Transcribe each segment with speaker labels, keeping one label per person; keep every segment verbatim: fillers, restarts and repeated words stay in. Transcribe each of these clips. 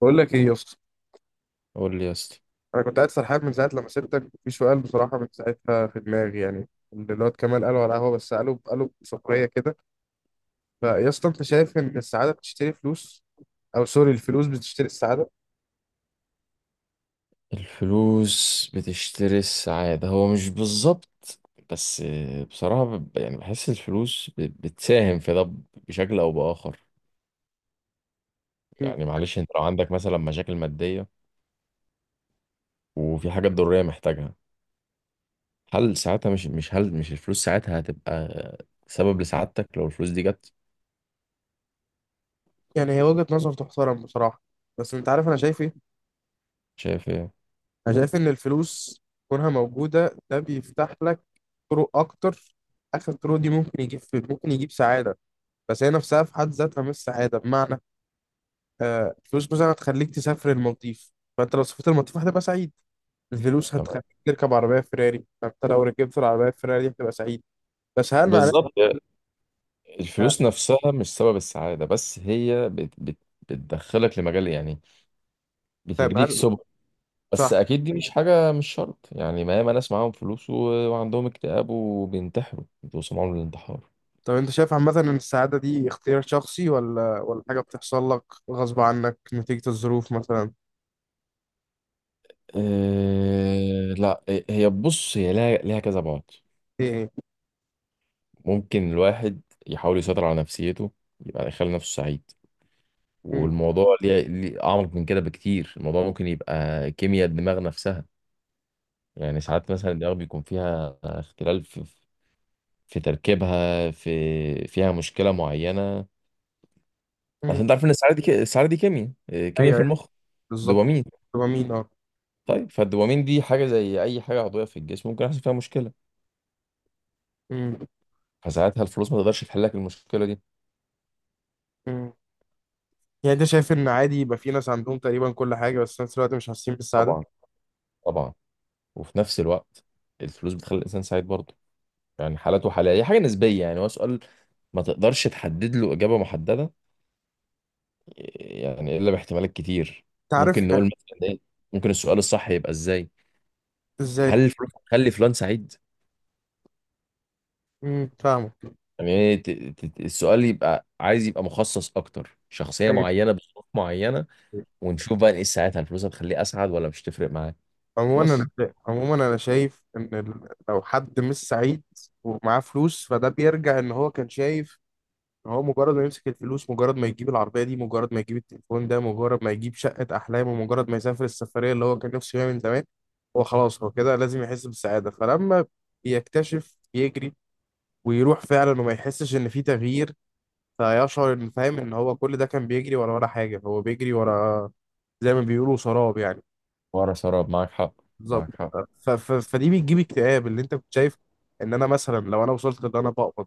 Speaker 1: بقول لك ايه يا اسطى.
Speaker 2: قول لي يا اسطى.
Speaker 1: انا كنت قاعد سرحان من ساعه لما سبتك في سؤال، بصراحه من ساعتها في دماغي، يعني اللي الواد كمال قاله على القهوه، بس قاله قاله بسخريه كده. فيا اسطى، انت شايف ان السعاده بتشتري فلوس، او سوري، الفلوس بتشتري السعاده؟
Speaker 2: الفلوس بتشتري السعادة، هو مش بالظبط، بس بصراحة ب- يعني بحس الفلوس ب- بتساهم في ده بشكل أو بآخر.
Speaker 1: مم.
Speaker 2: يعني معلش انت لو عندك مثلا مشاكل مادية وفي حاجة ضرورية محتاجها، هل ساعتها مش مش هل مش الفلوس ساعتها هتبقى سبب لسعادتك لو الفلوس دي جت؟
Speaker 1: يعني هي وجهه نظر تحترم بصراحه، بس انت عارف انا شايف ايه؟
Speaker 2: شايف ايه؟
Speaker 1: انا شايف ان الفلوس كونها موجوده ده بيفتح لك طرق اكتر، اخر الطرق دي ممكن يجيب، ممكن يجيب سعاده، بس هي نفسها في حد ذاتها مش سعاده. بمعنى آه، الفلوس مثلا هتخليك تسافر المالديف، فانت لو سافرت المالديف هتبقى سعيد. الفلوس
Speaker 2: تمام،
Speaker 1: هتخليك تركب عربيه فيراري، فانت لو ركبت العربيه فيراري هتبقى سعيد. بس هل معناه؟
Speaker 2: بالظبط. الفلوس نفسها مش سبب السعادة، بس هي بت بت بتدخلك لمجال، يعني
Speaker 1: طيب
Speaker 2: بتديك
Speaker 1: هل
Speaker 2: سبل. بس
Speaker 1: صح؟
Speaker 2: اكيد دي مش حاجه، مش شرط، يعني ما ياما ناس معاهم فلوس و... وعندهم اكتئاب وبينتحروا، بيوصلوا معاهم للانتحار.
Speaker 1: طب انت شايف عامه ان السعاده دي اختيار شخصي ولا ولا حاجه بتحصل لك غصب عنك نتيجه الظروف مثلا؟
Speaker 2: أه... لا، هي بص هي لها لها كذا بعد.
Speaker 1: ايه ايه.
Speaker 2: ممكن الواحد يحاول يسيطر على نفسيته، يبقى يخلي نفسه سعيد.
Speaker 1: مم،
Speaker 2: والموضوع ليه ليه اعمق من كده بكتير، الموضوع ممكن يبقى كيمياء الدماغ نفسها. يعني ساعات مثلا الدماغ بيكون فيها اختلال في في تركيبها، في فيها مشكله معينه. عشان
Speaker 1: مم.
Speaker 2: انت عارف ان السعاده دي ك- السعاده دي كيمياء إيه، كيمياء
Speaker 1: ايوه،
Speaker 2: في
Speaker 1: أيوة،
Speaker 2: المخ.
Speaker 1: بالظبط.
Speaker 2: دوبامين.
Speaker 1: تبقى مين اه.
Speaker 2: طيب، فالدوبامين دي حاجه زي اي حاجه عضويه في الجسم، ممكن يحصل فيها مشكله.
Speaker 1: مم،
Speaker 2: فساعتها الفلوس ما تقدرش تحل لك المشكله دي.
Speaker 1: مم. يعني انت شايف ان عادي يبقى في ناس عندهم تقريبا كل حاجه، بس في نفس الوقت مش حاسين بالسعاده؟
Speaker 2: طبعا، طبعا. وفي نفس الوقت الفلوس بتخلي الانسان سعيد برضه. يعني حالات وحالات، هي حاجه نسبيه. يعني هو سؤال ما تقدرش تحدد له اجابه محدده، يعني الا باحتمالات كتير.
Speaker 1: انت عارف
Speaker 2: ممكن
Speaker 1: يعني؟
Speaker 2: نقول مثلا ايه، ممكن السؤال الصح يبقى ازاي.
Speaker 1: ازاي؟
Speaker 2: هل الفلوس هتخلي فلان سعيد؟
Speaker 1: مم، فاهمك.
Speaker 2: يعني إيه ت- ت- السؤال يبقى عايز يبقى مخصص اكتر، شخصيه
Speaker 1: ايوه.
Speaker 2: معينه بظروف معينه، ونشوف بقى نقيس ساعتها الفلوس هتخليه اسعد ولا مش تفرق معاك.
Speaker 1: عموما انا
Speaker 2: بس
Speaker 1: شا- عموما انا شايف ان ال- لو حد مش سعيد ومعاه فلوس، فده بيرجع ان هو كان شايف ان هو مجرد ما يمسك الفلوس، مجرد ما يجيب العربيه دي، مجرد ما يجيب التليفون ده، مجرد ما يجيب شقه احلامه، مجرد ما يسافر السفريه اللي هو كان نفسه يعمل من زمان، هو خلاص هو كده لازم يحس بالسعاده. فلما بيكتشف يجري ويروح فعلا وما يحسش ان في تغيير، فيشعر ان، فاهم ان هو كل ده كان بيجري ورا ولا حاجه، هو بيجري ورا زي ما بيقولوا سراب يعني.
Speaker 2: ورا سراب، معاك حق،
Speaker 1: بالظبط.
Speaker 2: معاك حق.
Speaker 1: ف... ف... فدي بتجيب اكتئاب، اللي انت كنت شايف ان انا مثلا لو انا وصلت ان انا بقبض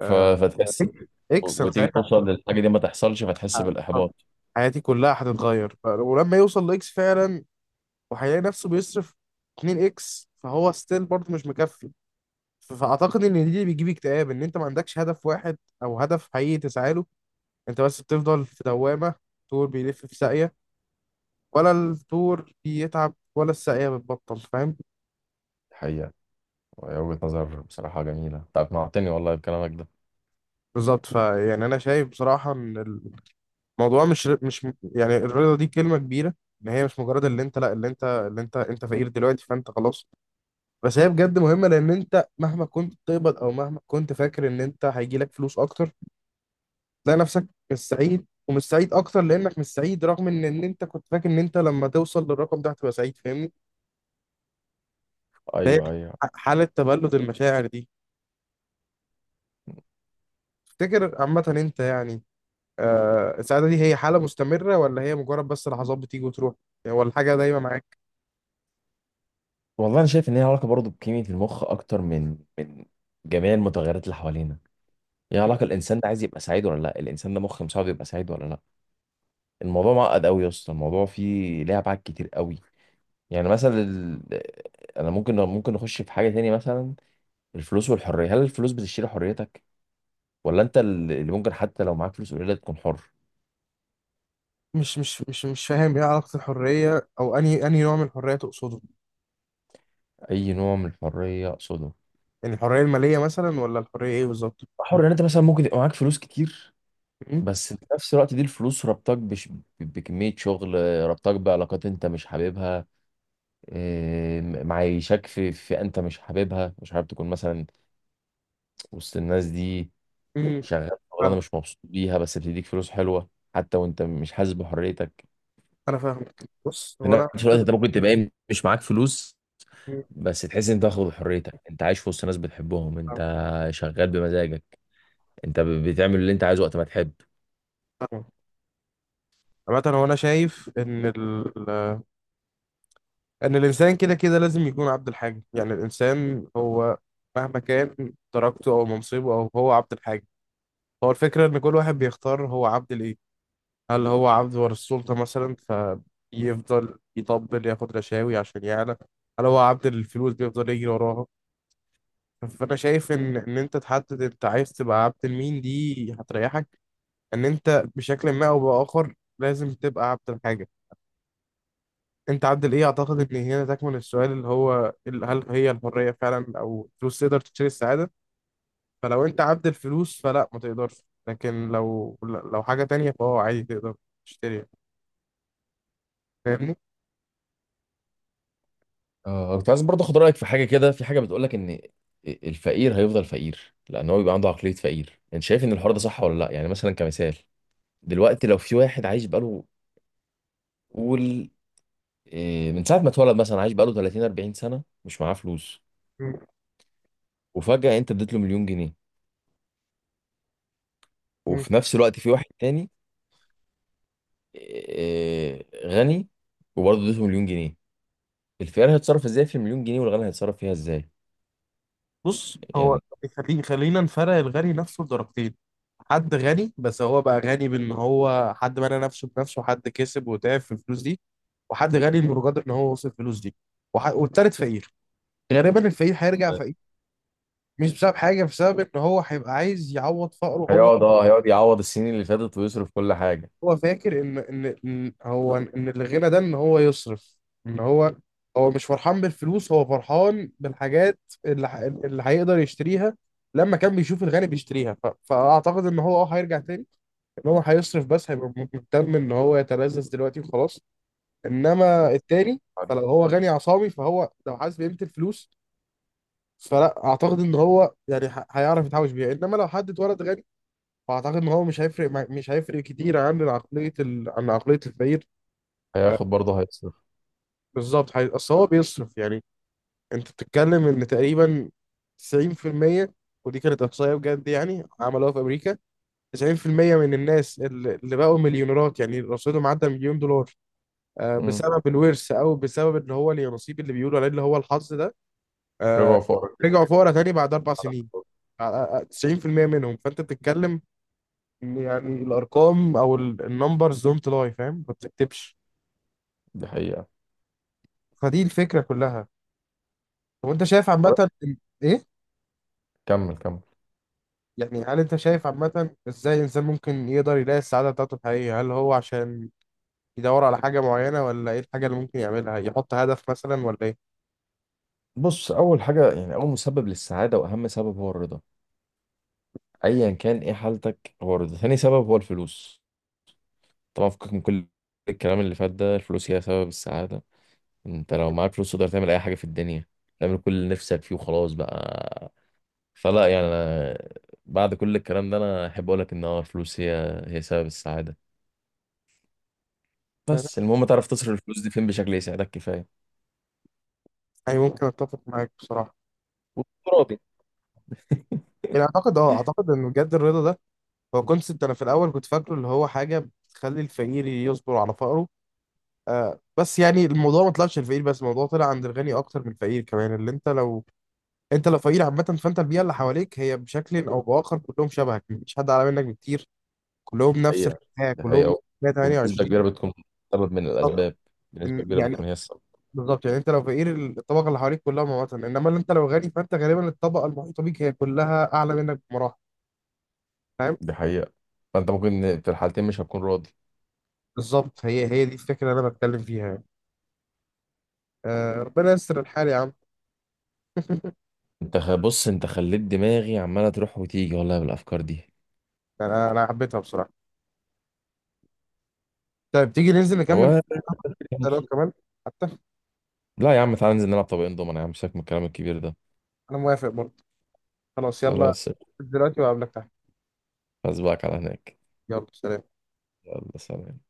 Speaker 2: ف... فتحس
Speaker 1: اكس،
Speaker 2: و-
Speaker 1: انا
Speaker 2: وتيجي
Speaker 1: ساعتها
Speaker 2: توصل للحاجه دي ما تحصلش، فتحس
Speaker 1: ه-
Speaker 2: بالاحباط.
Speaker 1: حياتي كلها هتتغير. ف- ولما يوصل لاكس فعلا وهيلاقي نفسه بيصرف اتنين اكس، فهو ستيل برضه مش مكفي. ف- فاعتقد ان دي اللي بيجيب اكتئاب، ان انت ما عندكش هدف واحد او هدف حقيقي تسعى له، انت بس بتفضل في دوامه، طول بيلف في ساقيه، ولا الطور بيتعب ولا الساقيه بتبطل، فاهم؟
Speaker 2: الحقيقه، وهي وجهه نظر بصراحه جميله، انت اقنعتني والله بكلامك ده.
Speaker 1: بالظبط. فيعني انا شايف بصراحه ان موضوع مش مش يعني الرضا، دي كلمة كبيرة. ان هي مش مجرد اللي انت، لا، اللي انت، اللي انت انت فقير دلوقتي فانت خلاص، بس هي بجد مهمة. لان انت مهما كنت بتقبض او مهما كنت فاكر ان انت هيجي لك فلوس اكتر، تلاقي نفسك مش سعيد، ومش سعيد اكتر لانك مش سعيد، رغم ان ان انت كنت فاكر ان انت لما توصل للرقم ده هتبقى سعيد، فاهمني؟ فهي
Speaker 2: ايوه، ايوه.
Speaker 1: حالة تبلد المشاعر دي، تفتكر عامة انت يعني آه السعادة دي هي حالة مستمرة، ولا هي مجرد بس لحظات بتيجي وتروح، يعني ولا حاجة دايما معاك؟
Speaker 2: والله انا شايف ان هي علاقه برضه بكيمياء المخ اكتر من من جميع المتغيرات اللي حوالينا. هي علاقه الانسان ده عايز يبقى سعيد ولا لا، الانسان ده مخ مساعده يبقى سعيد ولا لا. الموضوع معقد قوي يا اسطى، الموضوع فيه ليه ابعاد كتير قوي. يعني مثلا ال... انا ممكن ممكن نخش في حاجه تاني مثلا، الفلوس والحريه. هل الفلوس بتشتري حريتك، ولا انت اللي ممكن حتى لو معاك فلوس قليله تكون حر؟
Speaker 1: مش مش مش مش فاهم ايه علاقة الحرية، او انهي انهي نوع من الحرية تقصده؟
Speaker 2: اي نوع من الحريه اقصده؟
Speaker 1: يعني الحرية المالية مثلا، ولا الحرية ايه بالظبط؟
Speaker 2: حر ان انت مثلا ممكن يبقى معاك فلوس كتير،
Speaker 1: مم.
Speaker 2: بس في نفس الوقت دي الفلوس ربطك بش... بكميه شغل، ربطك بعلاقات انت مش حاببها، إيه، معيشك في فئه انت مش حاببها، مش حابب تكون مثلا وسط الناس دي.
Speaker 1: مم.
Speaker 2: شغال شغلانه
Speaker 1: فاهم.
Speaker 2: مش مبسوط بيها بس بتديك فلوس حلوه، حتى وانت مش حاسس بحريتك.
Speaker 1: انا فاهم. بص
Speaker 2: في
Speaker 1: هو انا،
Speaker 2: نفس الوقت انت ممكن تبقى إيه، مش معاك فلوس
Speaker 1: مم.
Speaker 2: بس تحس ان انت واخد حريتك، انت عايش في وسط ناس بتحبهم انت،
Speaker 1: فاهم.
Speaker 2: شغال بمزاجك، انت ب- بتعمل اللي انت عايزه وقت ما تحب.
Speaker 1: فاهم. عامة هو انا شايف ان ال... ان الانسان كده كده لازم يكون عبد الحاجة. يعني الانسان هو مهما كان درجته او منصبه، او هو عبد الحاجة، هو الفكرة ان كل واحد بيختار هو عبد لايه. هل هو عبد ور السلطة مثلا، فيفضل يطبل، ياخد رشاوي عشان يعلى؟ هل هو عبد الفلوس بيفضل يجري وراها؟ فأنا شايف إن إن أنت تحدد أنت عايز تبقى عبد لمين، دي هتريحك. إن أنت بشكل ما أو بآخر لازم تبقى عبد الحاجة، أنت عبد الإيه؟ أعتقد إن هنا تكمن السؤال، اللي هو ال- هل هي الحرية فعلا أو الفلوس تقدر تشتري السعادة. فلو أنت عبد الفلوس فلا، ما تقدرش. لكن لو لو حاجة تانية فهو عادي تقدر تشتريها، فاهمني؟
Speaker 2: آه، كنت عايز برضه اخد رايك في حاجه كده، في حاجه بتقول لك ان الفقير هيفضل فقير لان هو بيبقى عنده عقليه فقير. انت شايف ان الحوار ده صح ولا لا؟ يعني مثلا كمثال، دلوقتي لو في واحد عايش بقاله، قول إيه، من ساعه ما اتولد مثلا، عايش بقاله تلاتين أربعين سنه مش معاه فلوس، وفجاه انت اديت له مليون جنيه، وفي نفس الوقت في واحد تاني آه، غني وبرضه اديته مليون جنيه. الخيار هيتصرف ازاي في المليون جنيه، والغني هيتصرف فيها ازاي؟
Speaker 1: بص هو،
Speaker 2: يعني
Speaker 1: خلي خلينا نفرق الغني نفسه لدرجتين. حد غني بس هو بقى غني بان هو حد بنى نفسه بنفسه، حد كسب وتعب في الفلوس دي، وحد غني انه قدر ان هو وصل الفلوس دي، وح... والتالت فقير. غالبا الفقير هيرجع فقير، مش بسبب حاجه، بسبب ان هو هيبقى عايز يعوض فقره. هو
Speaker 2: هيقعد، اه هيقعد يعوض السنين اللي فاتت ويصرف كل حاجة.
Speaker 1: هو فاكر ان ان إن هو ان الغنى ده ان هو يصرف، ان هو، هو مش فرحان بالفلوس، هو فرحان بالحاجات اللي ح- اللي هيقدر يشتريها. لما كان بيشوف الغني بيشتريها، ف... فاعتقد ان هو اه هيرجع تاني، ان هو هيصرف، بس هيبقى م- مهتم ان هو يتلذذ دلوقتي وخلاص. انما التاني، فلو هو غني عصامي فهو لو حاسس بقيمة الفلوس، فلا اعتقد ان هو يعني ه- هيعرف يتحوش بيها. انما لو حد اتولد غني، فاعتقد ان هو مش هيفرق مع- مش هيفرق كتير عن عقليه ال... عن عقليه الفقير.
Speaker 2: هياخد برضه هيصرف.
Speaker 1: بالظبط، حقيقي. اصل هو بيصرف يعني، انت بتتكلم ان تقريبا تسعين في المية ودي كانت احصائيه بجد يعني عملوها في امريكا، تسعين في المية من الناس اللي اللي بقوا مليونيرات، يعني رصيدهم عدى مليون دولار آه،
Speaker 2: مم.
Speaker 1: بسبب الورث او بسبب اللي هو النصيب اللي بيقولوا عليه اللي هو الحظ ده،
Speaker 2: ربع
Speaker 1: آه،
Speaker 2: وفقر.
Speaker 1: رجعوا فقراء تاني بعد اربع سنين، آه، آه، تسعين في المية منهم. فانت بتتكلم إن يعني الارقام او النمبرز دونت لاي، فاهم، ما بتكتبش.
Speaker 2: دي حقيقة.
Speaker 1: فدي الفكره كلها. طب انت شايف عامه إن- ايه،
Speaker 2: كمل، كمل.
Speaker 1: يعني هل انت شايف عامة ازاي الانسان ممكن يقدر يلاقي السعادة بتاعته الحقيقية؟ هل هو عشان يدور على حاجة معينة، ولا ايه الحاجة اللي ممكن يعملها؟ يحط هدف مثلا ولا ايه؟
Speaker 2: بص، اول حاجه يعني، اول مسبب للسعاده واهم سبب هو الرضا، ايا كان ايه حالتك هو الرضا. ثاني سبب هو الفلوس، طبعا. فكك من كل الكلام اللي فات ده، الفلوس هي سبب السعاده. انت لو معاك فلوس تقدر تعمل اي حاجه في الدنيا، تعمل كل اللي نفسك فيه وخلاص بقى. فلا، يعني انا بعد كل الكلام ده انا احب اقول لك ان هو الفلوس هي هي سبب السعاده،
Speaker 1: يعني
Speaker 2: بس المهم تعرف تصرف الفلوس دي فين بشكل يساعدك كفايه
Speaker 1: أي، ممكن اتفق معاك بصراحة.
Speaker 2: وتكون راضي.
Speaker 1: يعني اعتقد اه، اعتقد ان بجد الرضا ده هو كونسبت، انا في الاول كنت فاكره اللي هو حاجة بتخلي الفقير يصبر على فقره، آه بس يعني الموضوع ما طلعش الفقير بس، الموضوع طلع عند الغني اكتر من الفقير كمان. اللي انت لو، انت لو فقير عامة، فانت البيئة اللي حواليك هي بشكل او باخر كلهم شبهك، مفيش حد اعلى منك بكتير، كلهم نفس
Speaker 2: حقيقة،
Speaker 1: الحياه
Speaker 2: دي
Speaker 1: كلهم
Speaker 2: حقيقة. وبنسبة
Speaker 1: مية وتمانية وعشرين.
Speaker 2: كبيرة بتكون سبب من
Speaker 1: بالظبط.
Speaker 2: الأسباب، بنسبة
Speaker 1: إن-
Speaker 2: كبيرة
Speaker 1: يعني
Speaker 2: بتكون هي السبب.
Speaker 1: بالظبط، يعني انت لو فقير الطبقه اللي حواليك كلها مواطن، انما اللي انت لو غني، فانت غالبا الطبقه المحيطه بيك هي كلها اعلى منك بمراحل، فاهم؟
Speaker 2: دي حقيقة. فأنت ممكن في الحالتين مش هتكون راضي.
Speaker 1: بالظبط. هي هي دي الفكره اللي انا بتكلم فيها يعني. آه، ربنا يستر الحال يا عم.
Speaker 2: أنت خ- بص، أنت خليت دماغي عمالة تروح وتيجي والله بالأفكار دي.
Speaker 1: يعني انا انا حبيتها بصراحه. طيب تيجي ننزل نكمل
Speaker 2: هو
Speaker 1: كلام كمان حتى؟
Speaker 2: لا يا عم، تعالى ننزل نلعب طبقين دومنا يا عم، سيبك من الكلام الكبير ده.
Speaker 1: انا موافق برضه. خلاص يلا،
Speaker 2: خلاص،
Speaker 1: دلوقتي وقابلك تحت.
Speaker 2: أسبقك على هناك.
Speaker 1: يلا سلام.
Speaker 2: يلا سلام.